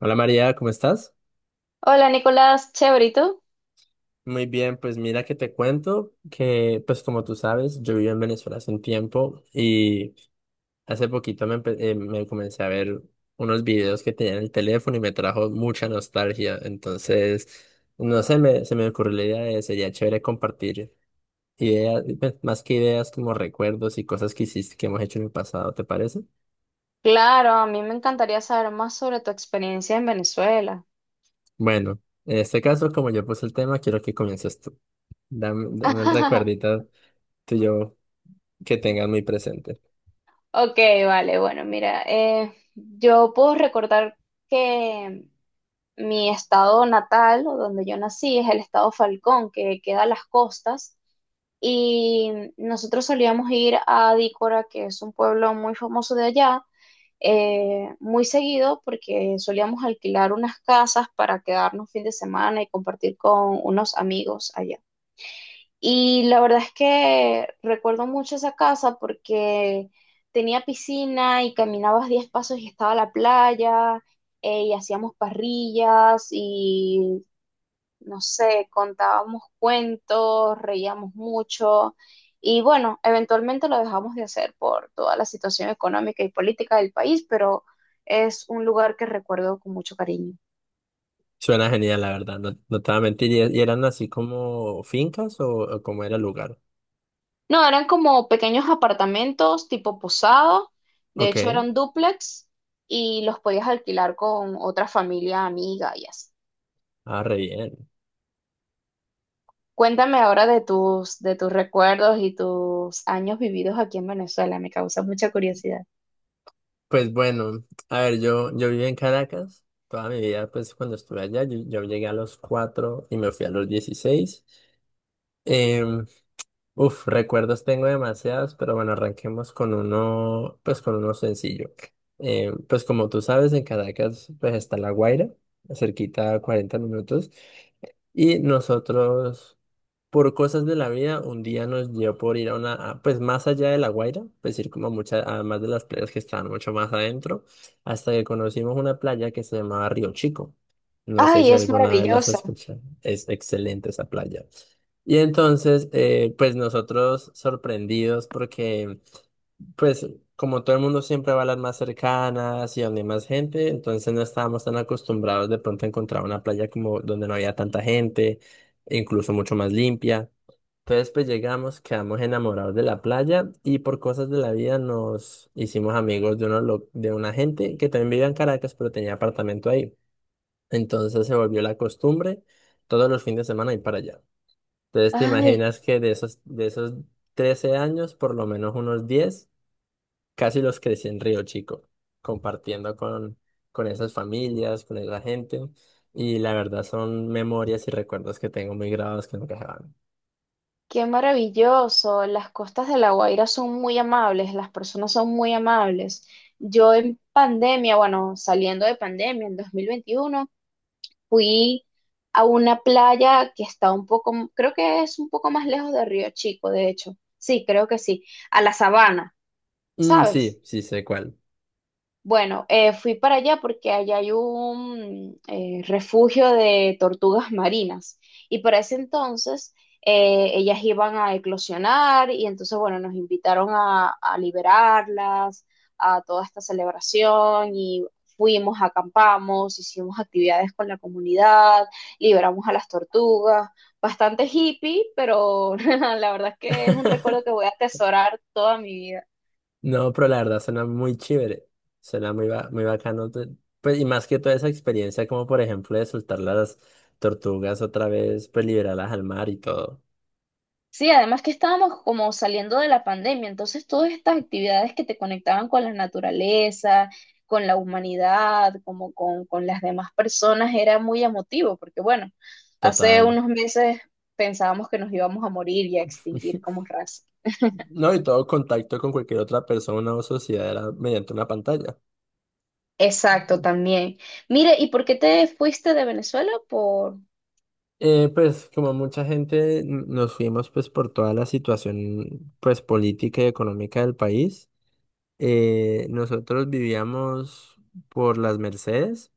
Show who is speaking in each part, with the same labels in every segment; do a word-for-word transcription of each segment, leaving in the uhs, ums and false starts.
Speaker 1: Hola María, ¿cómo estás?
Speaker 2: Hola Nicolás, chévere, ¿y tú?
Speaker 1: Muy bien, pues mira que te cuento que, pues como tú sabes, yo vivo en Venezuela hace un tiempo y hace poquito me, empe- eh, me comencé a ver unos videos que tenía en el teléfono y me trajo mucha nostalgia. Entonces, no sé, me, se me ocurrió la idea de sería chévere compartir ideas, pues, más que ideas como recuerdos y cosas que hiciste, que hemos hecho en el pasado, ¿te parece?
Speaker 2: Claro, a mí me encantaría saber más sobre tu experiencia en Venezuela.
Speaker 1: Bueno, en este caso, como yo puse el tema, quiero que comiences tú. Dame, dame un recuerdito tuyo que tengas muy presente.
Speaker 2: Ok, vale, bueno, mira, eh, yo puedo recordar que mi estado natal, o donde yo nací, es el estado Falcón, que queda a las costas, y nosotros solíamos ir a Dícora, que es un pueblo muy famoso de allá, eh, muy seguido porque solíamos alquilar unas casas para quedarnos fin de semana y compartir con unos amigos allá. Y la verdad es que recuerdo mucho esa casa porque tenía piscina y caminabas diez pasos y estaba la playa, eh, y hacíamos parrillas y no sé, contábamos cuentos, reíamos mucho y bueno, eventualmente lo dejamos de hacer por toda la situación económica y política del país, pero es un lugar que recuerdo con mucho cariño.
Speaker 1: Suena genial, la verdad, no, no te voy a mentir. ¿Y, y eran así como fincas o, o cómo era el lugar?
Speaker 2: No, eran como pequeños apartamentos tipo posado, de
Speaker 1: Ok,
Speaker 2: hecho eran dúplex y los podías alquilar con otra familia amiga y así.
Speaker 1: ah, re bien.
Speaker 2: Cuéntame ahora de tus, de tus recuerdos y tus años vividos aquí en Venezuela, me causa mucha curiosidad.
Speaker 1: Pues bueno, a ver, yo, yo viví en Caracas toda mi vida, pues cuando estuve allá, yo, yo llegué a los cuatro y me fui a los dieciséis. Em, Uf, recuerdos tengo demasiados, pero bueno, arranquemos con uno, pues con uno sencillo. Eh, pues como tú sabes, en Caracas pues está La Guaira, cerquita a cuarenta minutos, y nosotros, por cosas de la vida, un día nos dio por ir a una, a- pues más allá de La Guaira, pues ir como a muchas, además de las playas que estaban mucho más adentro, hasta que conocimos una playa que se llamaba Río Chico. No sé
Speaker 2: Ay,
Speaker 1: si
Speaker 2: es
Speaker 1: alguna vez las has
Speaker 2: maravilloso.
Speaker 1: escuchado. Es excelente esa playa. Y entonces, eh, pues nosotros sorprendidos porque, pues como todo el mundo siempre va a las más cercanas y donde hay más gente, entonces no estábamos tan acostumbrados de pronto a encontrar una playa como donde no había tanta gente, e incluso mucho más limpia. Entonces, pues llegamos, quedamos enamorados de la playa y por cosas de la vida nos hicimos amigos de, uno, lo- de una gente que también vivía en Caracas, pero tenía apartamento ahí. Entonces se volvió la costumbre todos los fines de semana ir para allá. Entonces te
Speaker 2: Ay,
Speaker 1: imaginas que de esos, de esos trece años, por lo menos unos diez casi los crecí en Río Chico, compartiendo con, con esas familias, con esa gente. Y la verdad son memorias y recuerdos que tengo muy grabados que nunca se van.
Speaker 2: qué maravilloso. Las costas de La Guaira son muy amables, las personas son muy amables. Yo en pandemia, bueno, saliendo de pandemia en dos mil veintiuno, fui a una playa que está un poco, creo que es un poco más lejos de Río Chico, de hecho. Sí, creo que sí, a la Sabana,
Speaker 1: Mm,
Speaker 2: ¿sabes?
Speaker 1: sí, sí sé cuál.
Speaker 2: Bueno, eh, fui para allá porque allá hay un eh, refugio de tortugas marinas y para ese entonces, eh, ellas iban a eclosionar y entonces, bueno, nos invitaron a, a liberarlas, a toda esta celebración y fuimos, acampamos, hicimos actividades con la comunidad, liberamos a las tortugas, bastante hippie, pero la verdad es que es un recuerdo que voy a atesorar toda mi vida.
Speaker 1: No, pero la verdad suena muy chévere. Suena muy, ba- muy bacano. te- Pues, y más que toda esa experiencia, como por ejemplo de soltar las tortugas otra vez, pues liberarlas al mar y todo.
Speaker 2: Sí, además que estábamos como saliendo de la pandemia, entonces todas estas actividades que te conectaban con la naturaleza, con la humanidad, como con, con las demás personas, era muy emotivo, porque bueno, hace
Speaker 1: Total.
Speaker 2: unos meses pensábamos que nos íbamos a morir y a extinguir como raza.
Speaker 1: No, y todo contacto con cualquier otra persona o sociedad era mediante una pantalla.
Speaker 2: Exacto, también. Mire, ¿y por qué te fuiste de Venezuela? Por...
Speaker 1: Eh, pues como mucha gente n- nos fuimos pues por toda la situación pues política y económica del país, eh, nosotros vivíamos por las Mercedes,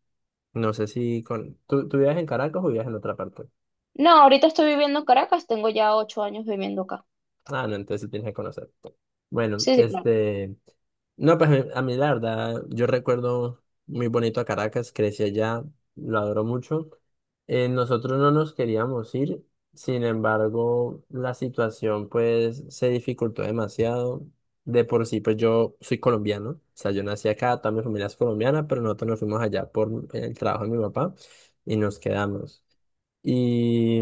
Speaker 1: no sé si con... ¿Tú, tú vivías en Caracas o vivías en otra parte?
Speaker 2: No, ahorita estoy viviendo en Caracas, tengo ya ocho años viviendo acá.
Speaker 1: Ah, no, entonces sí tienes que conocer. Bueno,
Speaker 2: Sí, sí, claro.
Speaker 1: este... No, pues a mí, a mí la verdad, yo recuerdo muy bonito a Caracas, crecí allá, lo adoro mucho. Eh, nosotros no nos queríamos ir, sin embargo, la situación pues se dificultó demasiado. De por sí, pues yo soy colombiano, o sea, yo nací acá, toda mi familia es colombiana, pero nosotros nos fuimos allá por el trabajo de mi papá y nos quedamos. Y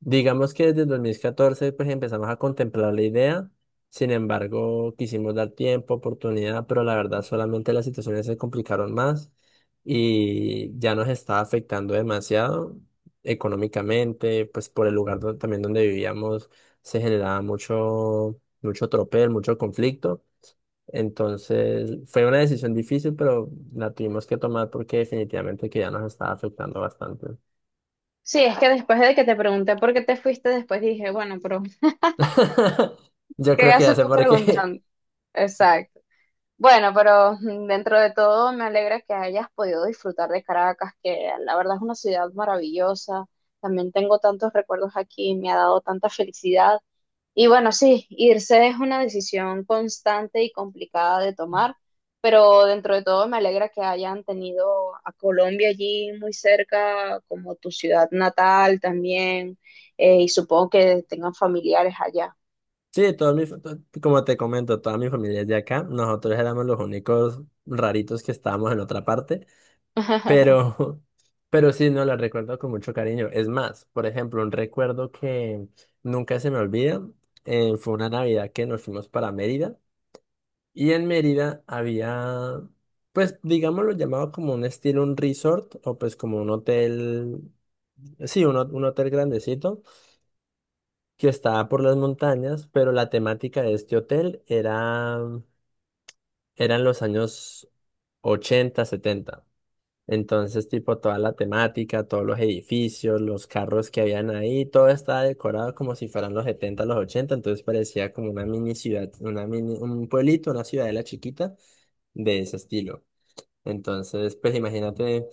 Speaker 1: digamos que desde el dos mil catorce pues empezamos a contemplar la idea, sin embargo quisimos dar tiempo, oportunidad, pero la verdad solamente las situaciones se complicaron más y ya nos estaba afectando demasiado económicamente, pues por el lugar do- también donde vivíamos se generaba mucho, mucho tropel, mucho conflicto. Entonces fue una decisión difícil, pero la tuvimos que tomar porque definitivamente que ya nos estaba afectando bastante.
Speaker 2: Sí, es que después de que te pregunté por qué te fuiste, después dije, bueno, pero
Speaker 1: Yo
Speaker 2: ¿qué
Speaker 1: creo que ya
Speaker 2: haces
Speaker 1: sé
Speaker 2: tú
Speaker 1: por qué.
Speaker 2: preguntando? Exacto. Bueno, pero mm, dentro de todo me alegra que hayas podido disfrutar de Caracas, que la verdad es una ciudad maravillosa. También tengo tantos recuerdos aquí, me ha dado tanta felicidad. Y bueno, sí, irse es una decisión constante y complicada de tomar, pero dentro de todo me alegra que hayan tenido a Colombia allí muy cerca, como tu ciudad natal también, eh, y supongo que tengan familiares allá.
Speaker 1: Sí, todo mi, to- como te comento, toda mi familia es de acá. Nosotros éramos los únicos raritos que estábamos en otra parte, pero, pero sí, no la recuerdo con mucho cariño. Es más, por ejemplo, un recuerdo que nunca se me olvida, eh, fue una Navidad que nos fuimos para Mérida y en Mérida había, pues, digámoslo llamado como un estilo, un resort o pues como un hotel, sí, un, ho- un hotel grandecito que estaba por las montañas, pero la temática de este hotel era, eran los años ochenta setenta. Entonces, tipo, toda la temática, todos los edificios, los carros que habían ahí, todo estaba decorado como si fueran los setenta los ochenta, entonces parecía como una mini ciudad, una mini, un pueblito, una ciudadela chiquita de ese estilo. Entonces, pues imagínate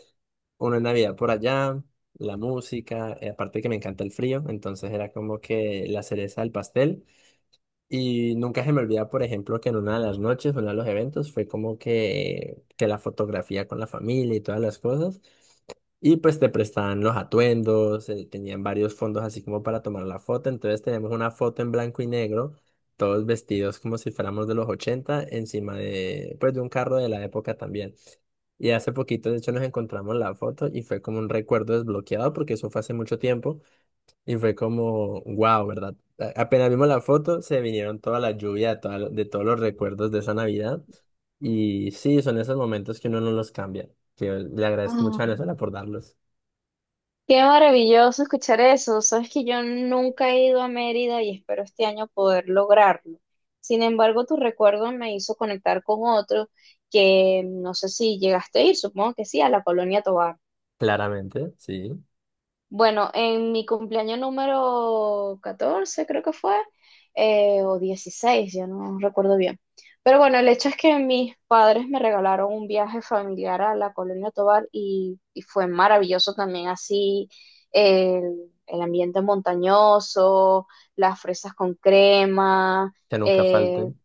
Speaker 1: una Navidad por allá, la música, eh, aparte que me encanta el frío, entonces era como que la cereza del pastel y nunca se me olvida, por ejemplo, que en una de las noches, uno de los eventos, fue como que, que la fotografía con la familia y todas las cosas. Y pues te prestaban los atuendos, eh, tenían varios fondos así como para tomar la foto. Entonces tenemos una foto en blanco y negro, todos vestidos como si fuéramos de los ochenta encima de, pues, de un carro de la época también. Y hace poquito, de hecho, nos encontramos la foto y fue como un recuerdo desbloqueado porque eso fue hace mucho tiempo. Y fue como, wow, ¿verdad? A- Apenas vimos la foto, se vinieron toda la lluvia, toda lo- de todos los recuerdos de esa Navidad. Y sí, son esos momentos que uno no los cambia. Que le agradezco mucho a Venezuela por darlos.
Speaker 2: Qué maravilloso escuchar eso. Sabes que yo nunca he ido a Mérida y espero este año poder lograrlo. Sin embargo, tu recuerdo me hizo conectar con otro que no sé si llegaste a ir, supongo que sí, a la Colonia Tovar.
Speaker 1: Claramente, sí,
Speaker 2: Bueno, en mi cumpleaños número catorce creo que fue, eh, o dieciséis, ya no recuerdo bien. Pero bueno, el hecho es que mis padres me regalaron un viaje familiar a la Colonia Tovar y, y fue maravilloso también, así el, el ambiente montañoso, las fresas con crema,
Speaker 1: que nunca
Speaker 2: eh,
Speaker 1: falten.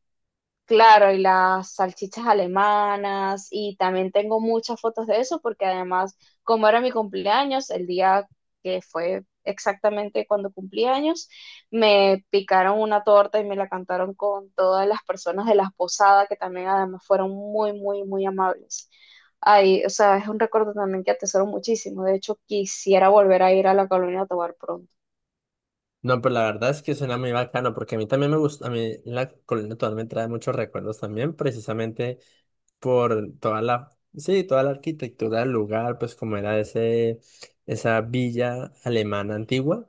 Speaker 2: claro, y las salchichas alemanas, y también tengo muchas fotos de eso, porque además, como era mi cumpleaños, el día que fue exactamente cuando cumplí años, me picaron una torta y me la cantaron con todas las personas de las posadas, que también además fueron muy, muy, muy amables. Ay, o sea, es un recuerdo también que atesoro muchísimo. De hecho, quisiera volver a ir a la Colonia Tovar pronto.
Speaker 1: No, pero la verdad es que suena muy bacano, porque a mí también me gusta, a mí la colonia total me trae muchos recuerdos también, precisamente por toda la, sí, toda la arquitectura del lugar, pues como era ese, esa villa alemana antigua.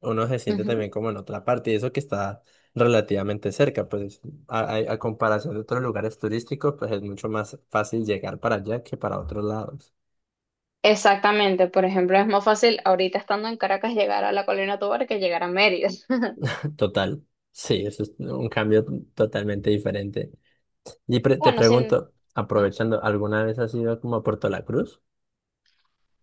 Speaker 1: Uno se siente también como en otra parte, y eso que está relativamente cerca, pues a, a- a comparación de otros lugares turísticos, pues es mucho más fácil llegar para allá que para otros lados.
Speaker 2: Exactamente, por ejemplo, es más fácil ahorita estando en Caracas llegar a la Colina Tovar que llegar a Mérida.
Speaker 1: Total, sí, eso es un cambio totalmente diferente. Y pre- te
Speaker 2: Bueno, sin...
Speaker 1: pregunto, aprovechando, ¿alguna vez has ido como a Puerto La Cruz?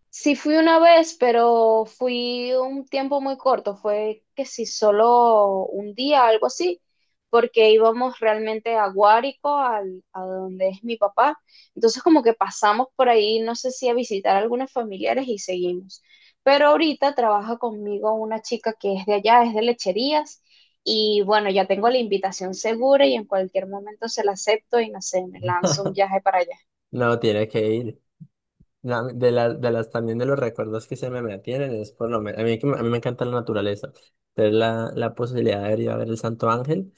Speaker 2: Sí fui una vez, pero fui un tiempo muy corto, fue que sí, solo un día, algo así, porque íbamos realmente a Guárico, al, a donde es mi papá. Entonces como que pasamos por ahí, no sé si a visitar a algunos familiares y seguimos. Pero ahorita trabaja conmigo una chica que es de allá, es de Lecherías, y bueno, ya tengo la invitación segura y en cualquier momento se la acepto y no sé, me lanzo un viaje para allá.
Speaker 1: No, tiene que ir. La- de, la- de las también de los recuerdos que se me mantienen es por lo menos, a mí, que me- a mí me encanta la naturaleza, tener la, la posibilidad de ir a ver el Santo Ángel.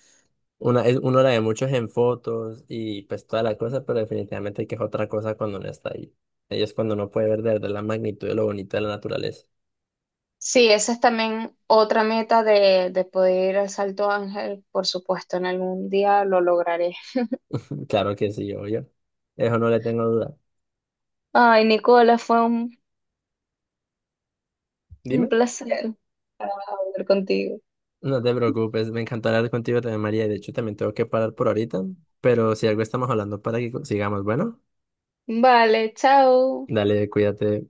Speaker 1: Una, es- uno la ve muchos en fotos y pues toda la cosa, pero definitivamente que es otra cosa cuando uno está ahí. Ahí es cuando uno puede ver de verdad la magnitud de lo bonito de la naturaleza.
Speaker 2: Sí, esa es también otra meta de, de poder ir al Salto Ángel, por supuesto, en algún día lo lograré.
Speaker 1: Claro que sí, obvio. Eso no le tengo duda.
Speaker 2: Ay, Nicola, fue un, un
Speaker 1: Dime.
Speaker 2: placer hablar contigo.
Speaker 1: No te preocupes, me encantará hablar contigo también, María. De hecho, también tengo que parar por ahorita, pero si algo estamos hablando para que sigamos, bueno,
Speaker 2: Vale, chao.
Speaker 1: dale, cuídate.